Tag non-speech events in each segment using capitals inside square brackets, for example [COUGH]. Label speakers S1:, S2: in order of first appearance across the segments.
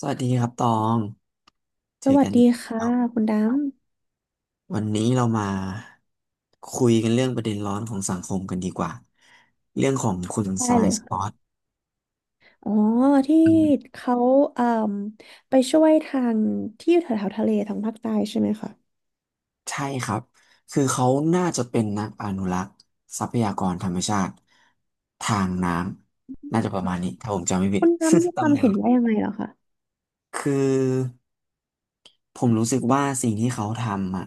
S1: สวัสดีครับตองเจ
S2: ส
S1: อ
S2: วั
S1: กั
S2: ส
S1: น
S2: ดี
S1: อีก
S2: ค่ะ
S1: แล้ว
S2: คุณด
S1: วันนี้เรามาคุยกันเรื่องประเด็นร้อนของสังคมกันดีกว่าเรื่องของคุณ
S2: ำ
S1: ท
S2: ได้
S1: รา
S2: เล
S1: ย
S2: ย
S1: สปอ
S2: ค่ะ
S1: ต
S2: อ๋อที่เขาเอ่มไปช่วยทางที่อยู่แถวๆทะเลทางภาคใต้ใช่ไหมคะ
S1: ใช่ครับคือเขาน่าจะเป็นนักอนุรักษ์ทรัพยากรธรรมชาติทางน้ำน่าจะประมาณนี้ถ้าผมจำไม่ผิด
S2: คุณดำมี
S1: [LAUGHS]
S2: ค
S1: ตำ
S2: วาม
S1: แหน่ง
S2: เห็นว่ายังไงเหรอคะ
S1: คือ ผมรู้สึกว่าสิ่งที่เขาทำอ่ะ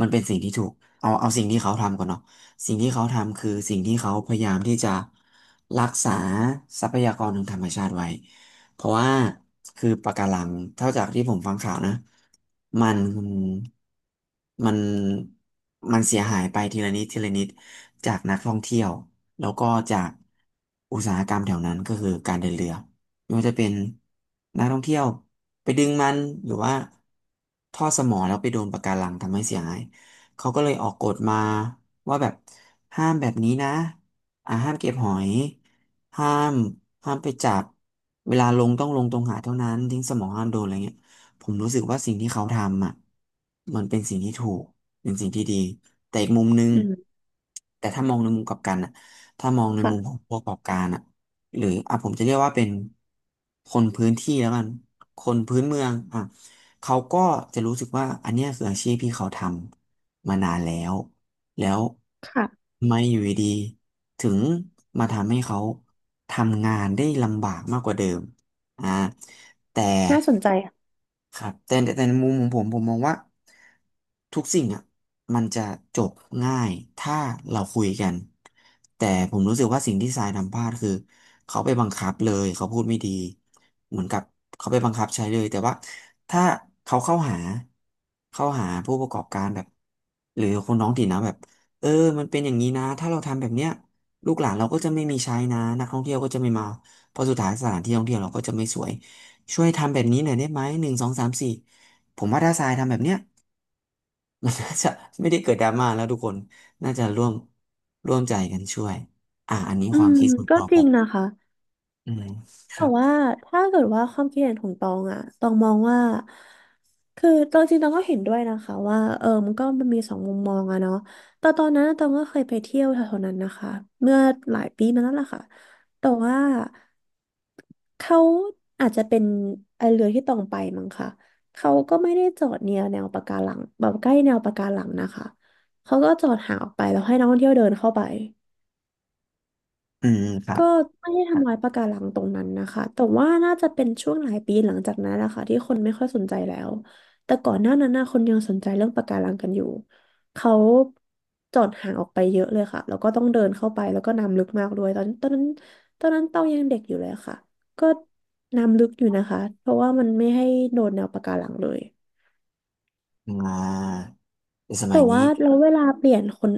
S1: มันเป็นสิ่งที่ถูกเอาสิ่งที่เขาทำก่อนเนาะสิ่งที่เขาทำคือสิ่งที่เขาพยายามที่จะรักษาทรัพยากรทางธรรมชาติไว้เพราะว่าคือปะการังเท่าจากที่ผมฟังข่าวนะมันมันมันเสียหายไปทีละนิดทีละนิดจากนักท่องเที่ยวแล้วก็จากอุตสาหกรรมแถวนั้นก็คือการเดินเรือ ไม่ว่าจะเป็นนักท่องเที่ยวไปดึงมันหรือว่าท่อสมอแล้วไปโดนปะการังทำให้เสียหายเขาก็เลยออกกฎมาว่าแบบห้ามแบบนี้นะห้ามเก็บหอย ห้ามห้ามไปจับเวลาลงต้องลงตรงหาดเท่านั้นทิ้งสมอห้ามโดนอะไรเงี้ยผมรู้สึกว่าสิ่งที่เขาทำอ่ะมันเป็นสิ่งที่ถูกเป็นสิ่งที่ดี แต่อีกมุมนึง
S2: อืม
S1: แต่ถ้ามองในมุมกลับกันอ่ะถ้ามองใน
S2: ค่ะ
S1: มุมของผู้ประกอบการอ่ะ หรืออ่ะผมจะเรียกว่าเป็นคนพื้นที่แล้วกันคนพื้นเมืองอ่ะเขาก็จะรู้สึกว่าอันเนี้ยคืออาชีพที่เขาทำมานานแล้วแล้ว
S2: ค่ะ
S1: ไม่อยู่ดีๆถึงมาทำให้เขาทำงานได้ลำบากมากกว่าเดิมอ่าแต่
S2: น่าสนใจค่ะ
S1: ครับแต่ในมุมของผมผมมองว่าทุกสิ่งอ่ะมันจะจบง่ายถ้าเราคุยกันแต่ผมรู้สึกว่าสิ่งที่ทรายทำพลาดคือเขาไปบังคับเลยเขาพูดไม่ดีเหมือนกับเขาไปบังคับใช้เลยแต่ว่าถ้าเขาเข้าหาผู้ประกอบการแบบหรือคนท้องถิ่นนะแบบเออมันเป็นอย่างนี้นะถ้าเราทำแบบเนี้ยลูกหลานเราก็จะไม่มีใช้นะนักท่องเที่ยวก็จะไม่มาเพราะสุดท้ายสถานที่ท่องเที่ยวเราก็จะไม่สวย ช่วยทำแบบนี้หน่อยได้ไหมหนึ่งสองสามสี่ผมว่าถ้าทรายทำแบบเนี้ย [LAUGHS] มันน่าจะไม่ได้เกิดดราม่าแล้วทุกคนน่าจะร่วมใจกันช่วยอันนี้
S2: อื
S1: ความ
S2: ม
S1: คิดส่วน
S2: ก็
S1: ตัว
S2: จ
S1: ผ
S2: ริง
S1: ม
S2: นะคะ
S1: อืมค
S2: แต่
S1: รับ
S2: ว่าถ้าเกิดว่าความคิดเห็นของตองอะตองมองว่าคือตองจริงตองก็เห็นด้วยนะคะว่าเออมันก็มันมีสองมุมมองอะเนาะแต่ตอนนั้นตองก็เคยไปเที่ยวแถวๆนั้นนะคะเมื่อหลายปีมาแล้วล่ะค่ะแต่ว่าเขาอาจจะเป็นไอเรือที่ตองไปมั้งค่ะเขาก็ไม่ได้จอดเนียแนวปะการังแบบใกล้แนวปะการังนะคะเขาก็จอดห่างออกไปแล้วให้นักท่องเที่ยวเดินเข้าไป
S1: อืมครับ
S2: ก็ไม่ได้ทำลายปะการังตรงนั้นนะคะแต่ว่าน่าจะเป็นช่วงหลายปีหลังจากนั้นแหละค่ะที่คนไม่ค่อยสนใจแล้ว แต่ก่อนหน้านั้นนะคนยังสนใจเรื่องปะการังกันอยู่เขาจอดห่างออกไปเยอะเลยค่ะแล้วก็ต้องเดินเข้าไปแล้วก็น้ำลึกมากด้วยตอนนั้นตอนนั้นเต้ายังเด็กอยู่เลยค่ะ ก็น้ำลึกอยู่นะคะเพราะว่ามันไม่ให้โดนแนวปะการังเลย
S1: อ่าในส
S2: แต่
S1: มัย
S2: ว่า
S1: นี้
S2: เราเวลาเปลี่ยนคน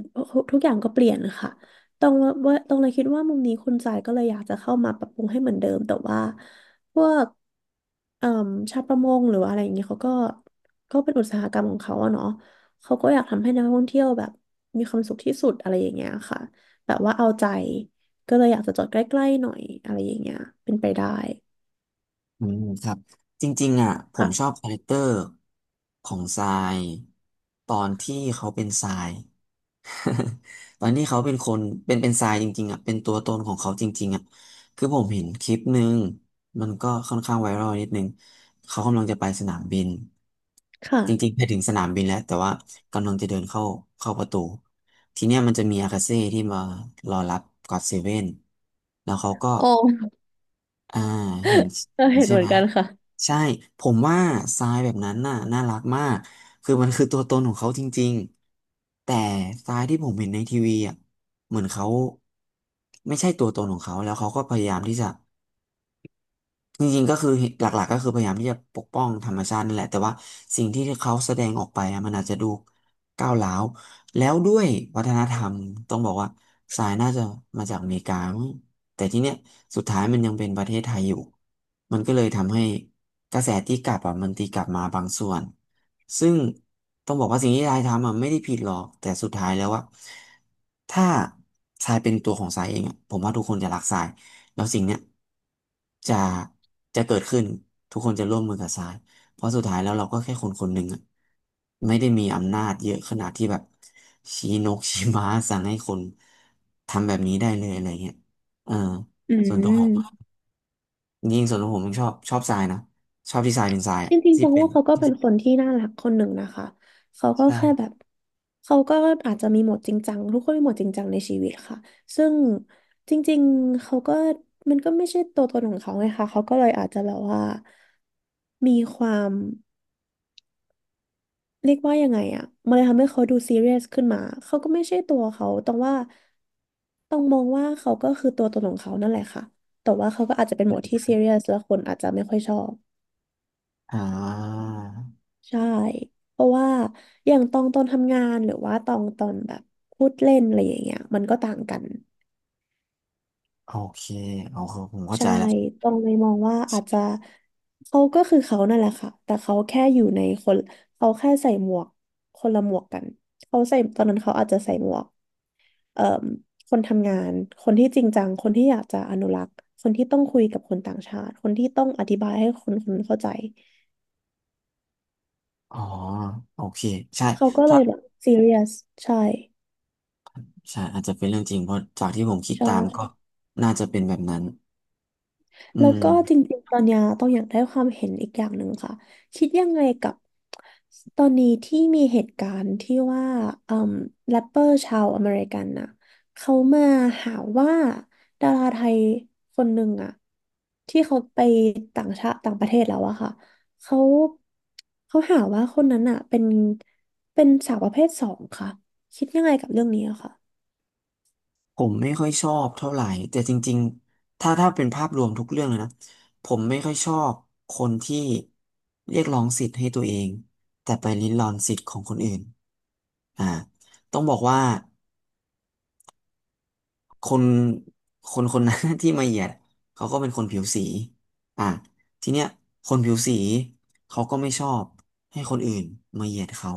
S2: ทุกอย่างก็เปลี่ยนค่ะตรงว่าตรงเลยคิดว่ามุมนี้คุณจ่ายก็เลยอยากจะเข้ามาปรับปรุงให้เหมือนเดิมแต่ว่าพวกเอ่อชาวประมงหรือว่าอะไรอย่างเงี้ยเขาก็ก็เป็นอุตสาหกรรมของเขาอะเนาะเขาก็อยากทำให้นักท่องเที่ยวแบบมีความสุขที่สุดอะไรอย่างเงี้ยค่ะแบบว่าเอาใจก็เลยอยากจะจอดใกล้ๆหน่อยอะไรอย่างเงี้ยเป็นไปได้
S1: อืมครับจริงๆอ่ะผม
S2: ค่ะ
S1: ชอบคาแรคเตอร์ของทรายตอนที่เขาเป็นทราย [LAUGHS] ตอนที่เขาเป็นคนเป็นทรายจริงๆอ่ะเป็นตัวตนของเขาจริงๆอ่ะคือผมเห็นคลิปหนึ่งมันก็ค่อนข้างไวรัลนิดนึงเขากำลังจะไปสนามบิน
S2: ค่ะ
S1: จริงๆไปถึงสนามบินแล้วแต่ว่ากำลังจะเดินเข้าประตูทีเนี้ยมันจะมีอากาเซ่ที่มารอรับก็อดเซเว่นแล้วเขาก็
S2: ออ
S1: อ่าเห็น
S2: เออ
S1: เห็
S2: [LAUGHS]
S1: น
S2: เห็น
S1: ใช่
S2: เหมือ
S1: ไหม
S2: นกันค่ะ
S1: ใช่ผมว่าทรายแบบนั้นน่ะน่ารักมากคือมันคือตัวตนของเขาจริงๆแต่ทรายที่ผมเห็นในทีวีอ่ะเหมือนเขาไม่ใช่ตัวตนของเขาแล้วเขาก็พยายามที่จะ จริงๆก็คือหลักๆก็คือพยายามที่จะปกป้องธรรมชาตินั่นแหละแต่ว่าสิ่งที่เขาแสดงออกไปอะมันอาจจะดูก้าวร้าวแล้วด้วยวัฒนธรรมต้องบอกว่าสายน่าจะมาจากอเมริกามั้งแต่ที่เนี้ยสุดท้ายมันยังเป็นประเทศไทยอยู่มันก็เลยทำให้กระแสตีกลับอ่ะมันตีกลับมาบางส่วนซึ่งต้องบอกว่าสิ่งที่ทายทำอ่ะไม่ได้ผิดหรอกแต่สุดท้ายแล้วว่าถ้าทรายเป็นตัวของทรายเองอะผมว่าทุกคนจะรักทราย แล้วสิ่งเนี้ยจะจะเกิดขึ้นทุกคนจะร่วมมือกับทรายเพราะสุดท้ายแล้วเราก็แค่คนคนหนึ่งอะไม่ได้มีอำนาจเยอะขนาดที่แบบชี้นก [LAUGHS] ชี้ม้าสั่งให้คนทำแบบนี้ได้เลยอะไรเงี้ยเออ
S2: อื
S1: ส่วนตัวผม
S2: ม
S1: ยิ่งส่วนตัวผมยังชอบทรายนะชอบที่ทรายเป็นทราย
S2: จ
S1: อะ
S2: ริงๆ
S1: ที่
S2: ตอง
S1: เป็น
S2: ว่าเขาก็เป็นคนที่น่ารักคนหนึ่งนะคะ เขาก็แค่แบ
S1: ใช่
S2: บเขาก็อาจจะมีโหมดจริงจังทุกคนมีโหมดจริงจังในชีวิตค่ะซึ่งจริงๆเขาก็มันก็ไม่ใช่ตัวตนของเขาไงคะเขาก็เลยอาจจะแบบว่ามีความเรียกว่ายังไงอะมันเลยทำให้เขาดูซีเรียสขึ้นมาเขาก็ไม่ใช่ตัวเขาตองว่าต้องมองว่าเขาก็คือตัวตนของเขานั่นแหละค่ะแต่ว่าเขาก็อาจจะเป็นโหมดที่ซีเรียสแล้วคนอาจจะไม่ค่อยชอบ
S1: อ่า
S2: ใช่ เพราะว่าอย่างตองตอนทำงานหรือว่าตองตอนแบบพูดเล่นอะไรอย่างเงี้ยมันก็ต่างกัน
S1: โอเคโอเคผมเข้า
S2: ใช่
S1: ใจแล้ว
S2: ตองเลยมองว่าอาจจะเขาก็คือเขานั่นแหละค่ะแต่เขาแค่อยู่ในคนเขาแค่ใส่หมวกคนละหมวกกันเขาใส่ตอนนั้นเขาอาจจะใส่หมวกเอ่มคนทำงานคนที่จริงจังคนที่อยากจะอนุรักษ์คนที่ต้องคุยกับคนต่างชาติคนที่ต้องอธิบายให้คนคนนั้นเข้าใจ
S1: อ๋อโอเคใช่
S2: เขาก็เล
S1: ถ้า
S2: ยแบบซีเรียสใช่
S1: ใช่อาจจะเป็นเรื่องจริงเพราะจากที่ผมคิด
S2: ใช่
S1: ตามก็น่าจะเป็นแบบนั้นอื
S2: แล้ว
S1: ม
S2: ก็จริงๆตอนเนี้ยต้องอยากได้ความเห็นอีกอย่างหนึ่งค่ะคิดยังไงกับตอนนี้ที่มีเหตุการณ์ที่ว่าอืมแรปเปอร์ชาวอเมริกันน่ะเขามาหาว่าดาราไทยคนหนึ่งอะที่เขาไปต่างชาติต่างประเทศแล้วอะค่ะเขาเขาหาว่าคนนั้นอะเป็นเป็นสาวประเภทสองค่ะคิดยังไงกับเรื่องนี้อะค่ะ
S1: ผมไม่ค่อยชอบเท่าไหร่แต่จริงๆถ้าถ้าเป็นภาพรวมทุกเรื่องเลยนะผมไม่ค่อยชอบคนที่เรียกร้องสิทธิ์ให้ตัวเองแต่ไปริดรอนสิทธิ์ของคนอื่นอ่าต้องบอกว่า คนคน [LAUGHS] นั้น [LAUGHS] ที่มาเหยียดเขาก็เป็นคนผิวสีอ่ะทีเนี้ยคนผิวสีเขาก็ไม่ชอบให้คนอื่นมาเหยียดเขา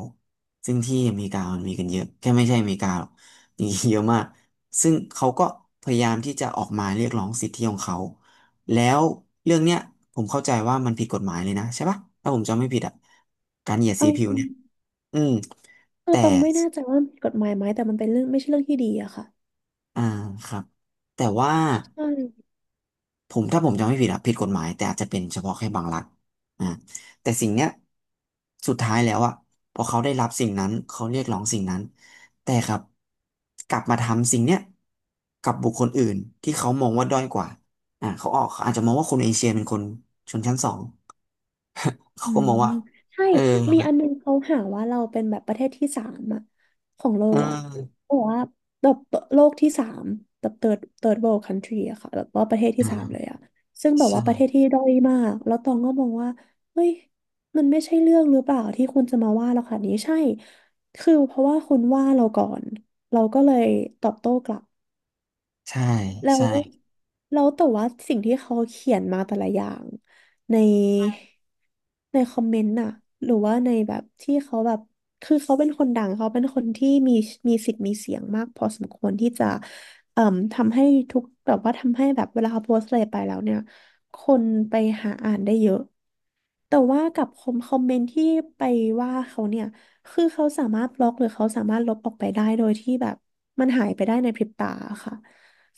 S1: ซึ่งที่อเมริกามันมีกันเยอะแค่ไม่ใช่อเมริกาหรอกมีเยอะมากซึ่งเขาก็พยายามที่จะออกมาเรียกร้องสิทธิของเขาแล้วเรื่องเนี้ยผมเข้าใจว่ามันผิดกฎหมายเลยนะใช่ปะถ้าผมจำไม่ผิดอ่ะการเหยียด
S2: เอ
S1: สีผิวเนี่ย
S2: อ
S1: อืม
S2: คือ
S1: แต่
S2: ตองไม่แน่ใจว่ามันผิดกฎหมายไหมแต่มันเป็นเรื่องไม่ใช่เรื่องที่ดีอะค่ะ
S1: อ่าครับแต่ว่า
S2: ใช่
S1: ผมถ้าผมจำไม่ผิดอะผิดกฎหมายแต่อาจจะเป็นเฉพาะแค่บางรัฐอ่าแต่สิ่งเนี้ยสุดท้ายแล้วอะพอเขาได้รับสิ่งนั้นเขาเรียกร้องสิ่งนั้นแต่ครับกลับมาทำสิ่งเนี้ยกับบุคคลอื่นที่เขามองว่าด้อยกว่าเขาอาจจะมองว่าคนเอเชียเป็นคนชนชั้นสองเขา
S2: อื
S1: ก็มอ
S2: ม
S1: งว่า
S2: ใช่
S1: เออ
S2: มี
S1: แบบ
S2: อันนึงเขาหาว่าเราเป็นแบบประเทศที่สามอะของโล
S1: เอ
S2: กอะ
S1: อ
S2: บอกว่าแบบโลกที่สามแบบ third world country อะค่ะแบบว่าประเทศที่สามเล
S1: อ่า
S2: ยอะซึ่งแบบ
S1: ใช่
S2: ว่าประเทศที่ด้อยมากแล้วตองก็มองว่าเฮ้ยมันไม่ใช่เรื่องหรือเปล่าที่คุณจะมาว่าเราค่ะนี้ใช่คือเพราะว่าคุณว่าเราก่อนเราก็เลยตอบโต้กลับ
S1: ใช่
S2: แล้ว
S1: ใช่
S2: แล้วแต่ว่าสิ่งที่เขาเขียนมาแต่ละอย่างในในคอมเมนต์น่ะหรือว่าในแบบที่เขาแบบคือเขาเป็นคนดังเขาเป็นคนที่มีมีสิทธิ์มีเสียงมากพอสมควรที่จะเอ่อทำให้ทุกแบบว่าทำให้แบบเวลาเขาโพสต์อะไรไปแล้วเนี่ยคนไปหาอ่านได้เยอะ แต่ว่ากับคอมเมนต์ที่ไปว่าเขาเนี่ยคือเขาสามารถบล็อกหรือเขาสามารถลบออกไปได้โดยที่แบบมันหายไปได้ในพริบตาค่ะ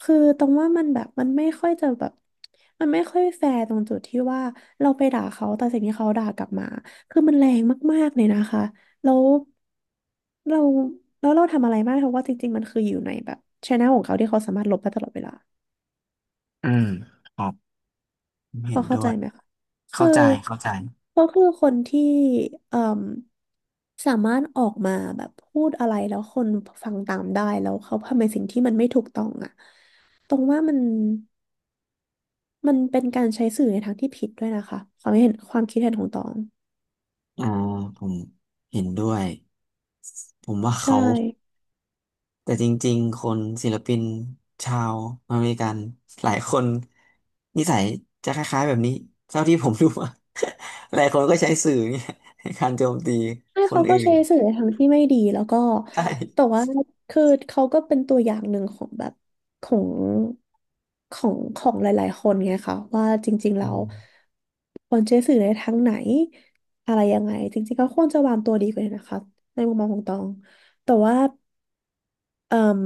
S2: คือตรงว่ามันแบบมันไม่ค่อยจะแบบมันไม่ค่อยแฟร์ตรงจุดที่ว่าเราไปด่าเขาแต่สิ่งที่เขาด่ากลับมาคือมันแรงมากๆเลยนะคะแล้วเราแล้วเราทำอะไรไม่ได้เพราะว่าจริงๆมันคืออยู่ในแบบช anel ของเขาที่เขาสามารถลบได้ตลอดเวลา
S1: อืมครับ
S2: พ
S1: เห็
S2: อ
S1: น
S2: เข้า
S1: ด้
S2: ใจ
S1: วย
S2: ไหมคะคื
S1: เข้า
S2: อ
S1: ใจเข้าใจ
S2: เขาคือคนที่เอ่มสามารถออกมาแบบพูดอะไรแล้วคนฟังตามได้แล้วเขาทำในสิ่งที่มันไม่ถูกต้องอ่ะตรงว่ามันเป็นการใช้สื่อในทางที่ผิดด้วยนะคะความเห็นความคิดเห็นของตอง
S1: อ่าผมเห็นด้วยผมว่า
S2: ใช่
S1: เขา แต่จริงๆ คนศิลปินชาวอเมริกันหลายคนนิสัยจะคล้ายๆแบบนี้เท่าที่ผมรู้มา [LAUGHS] หลายคนก็ใช้สื่อเนี่ยในการโจมตี
S2: ใช่
S1: คน
S2: เขาก็
S1: อื่
S2: ใช้
S1: น
S2: สื่อใน
S1: [LAUGHS]
S2: ทางที่ไม่ดีแล้วก็
S1: ใช
S2: แต่
S1: ่
S2: ว่าคือเขาก็เป็นตัวอย่างหนึ่งของแบบของของหลายๆคนไงคะว่าจริงๆ
S1: อื
S2: แล้ว
S1: ม
S2: ควรใช้สื่อในทางไหนอะไรยังไงจริงๆก็ควรจะวางตัวดีกว่านี้นะคะในมุมมองของตองแต่ว่าเอ่ม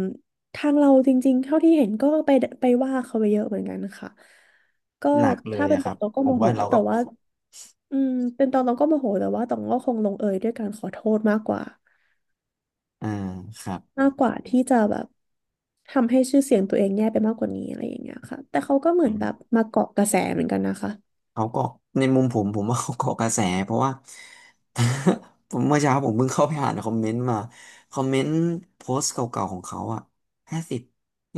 S2: ทางเราจริงๆเท่าที่เห็นก็ไปว่าเขาไปเยอะเหมือนกันนะคะก็
S1: หนักเล
S2: ถ้า
S1: ย
S2: เป็น
S1: อะค
S2: ตอ
S1: รั
S2: ง
S1: บ
S2: ตองก็
S1: ผ
S2: โม
S1: ม
S2: โห
S1: ว่าเรา
S2: แต่
S1: ก็
S2: ว่าอืมเป็นตองตองก็โมโหแต่ว่าตองก็คงลงเอยด้วยการขอโทษมากกว่า
S1: อ่าครับ
S2: มากกว่าที่จะแบบทำให้ชื่อเสียงตัวเองแย่ไปมากกว่านี้อะไรอย่างเงี้ยค่ะแต่เขาก็เหมือนแบบมาเกาะกระแสเหมือนกันนะคะ
S1: เขาเกาะในมุมผมว่าเขาเกาะกระแสเพราะว่า [LAUGHS] ผมเมื่อเช้าผมเพิ่งเข้าไปอ่านคอมเมนต์มาคอมเมนต์โพสต์เก่าๆของเขาอ่ะ50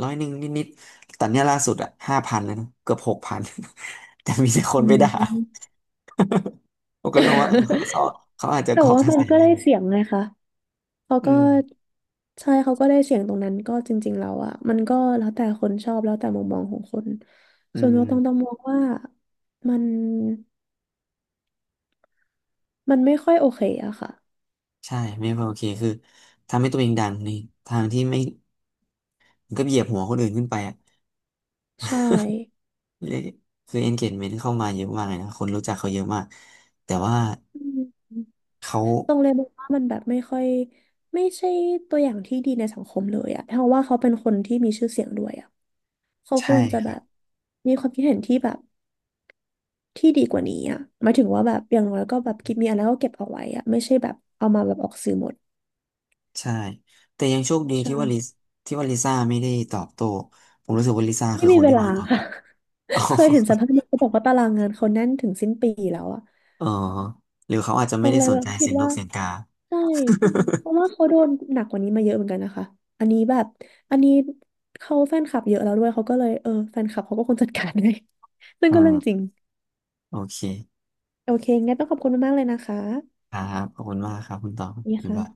S1: 100นิดๆแต่เนี้ยล่าสุดอ่ะ5,000แล้วนะเกือบ6,000 [LAUGHS] แต่มีแต่ค
S2: อื
S1: นไปด่า
S2: ม
S1: ผมก็เลยมองว่าเออเขา
S2: [LAUGHS]
S1: อาจจะ
S2: แต่
S1: เกาะ
S2: ว่า
S1: กระ
S2: มั
S1: แส
S2: นก็
S1: เลย
S2: ได้เสียงไงคะเขา
S1: อื
S2: ก็
S1: ม
S2: ใช่เขาก็ได้เสียงตรงนั้นก็จริงๆแล้วอะมันก็แล้วแต่คนชอบแล้วแต่มุมมองของคน
S1: อื
S2: ส่วนตัว
S1: ม
S2: ต้องมองว่ามันมันไม่ค่อยโอเคอะค่ะ
S1: ใช่ไม่พอโอเคคือทำให้ตัวเองดังในทางที่ไม่มันก็เหยียบหัวคนอื่นขึ้นไปอะ
S2: ใช่
S1: เละคือ engagement เข้ามาเยอะมากเลยนะคนรู้จักเขาเยอะมากแต่ว่า
S2: อืม
S1: เขา
S2: ตรงเลยมองว่ามันแบบไม่ค่อยไม่ใช่ตัวอย่างที่ดีในสังคมเลยอะเพราะว่าเขาเป็นคนที่มีชื่อเสียงด้วยอะเขาค
S1: ใช่
S2: วรจะ
S1: ค
S2: แบ
S1: รับ
S2: บมีความคิดเห็นที่แบบที่ดีกว่านี้อะหมายถึงว่าแบบอย่างน้อยก็แบบกิดมีอะไรก็เก็บเอาไว้อะไม่ใช่แบบเอามาแบบออกสื่อหมด
S1: ใช่แต่ยังโชคดี
S2: ใช่
S1: ที่ว่าลิซ่าไม่ได้ตอบโต้ผมรู้สึกว่าลิซ่า
S2: ไม่
S1: คือ
S2: มี
S1: คน
S2: เว
S1: ที่
S2: ลา
S1: วางควา
S2: ค่ะ
S1: มิด [LAUGHS] อ๋อ
S2: [LAUGHS] เคยเห็นสัมภาษณ์หนึ่งเขาบอกว่าตารางงานเขาแน่นถึงสิ้นปีแล้วอะ
S1: ออหรือเขาอาจจะ
S2: ต
S1: ไม่
S2: รง
S1: ได้
S2: เลย
S1: สน
S2: แบบ
S1: ใจ
S2: คิ
S1: เสี
S2: ด
S1: ยงน
S2: ว่า
S1: กเสียงกา [LAUGHS]
S2: ใช่เพราะว่าเขาโดนหนักกว่านี้มาเยอะเหมือนกันนะคะอันนี้แบบอันนี้เขาแฟนคลับเยอะแล้วด้วยเขาก็เลยเออแฟนคลับเขาก็คงจัดการใหย [LAUGHS] ซึ่ง
S1: อื
S2: ก็เรื่องจริง
S1: มโอเค
S2: โอเคงั้นต้องขอบคุณมากๆเลยนะคะ
S1: ครับขอบคุณมากครับคุณตอง
S2: นี่
S1: บ๊าย
S2: ค่ะ
S1: บาย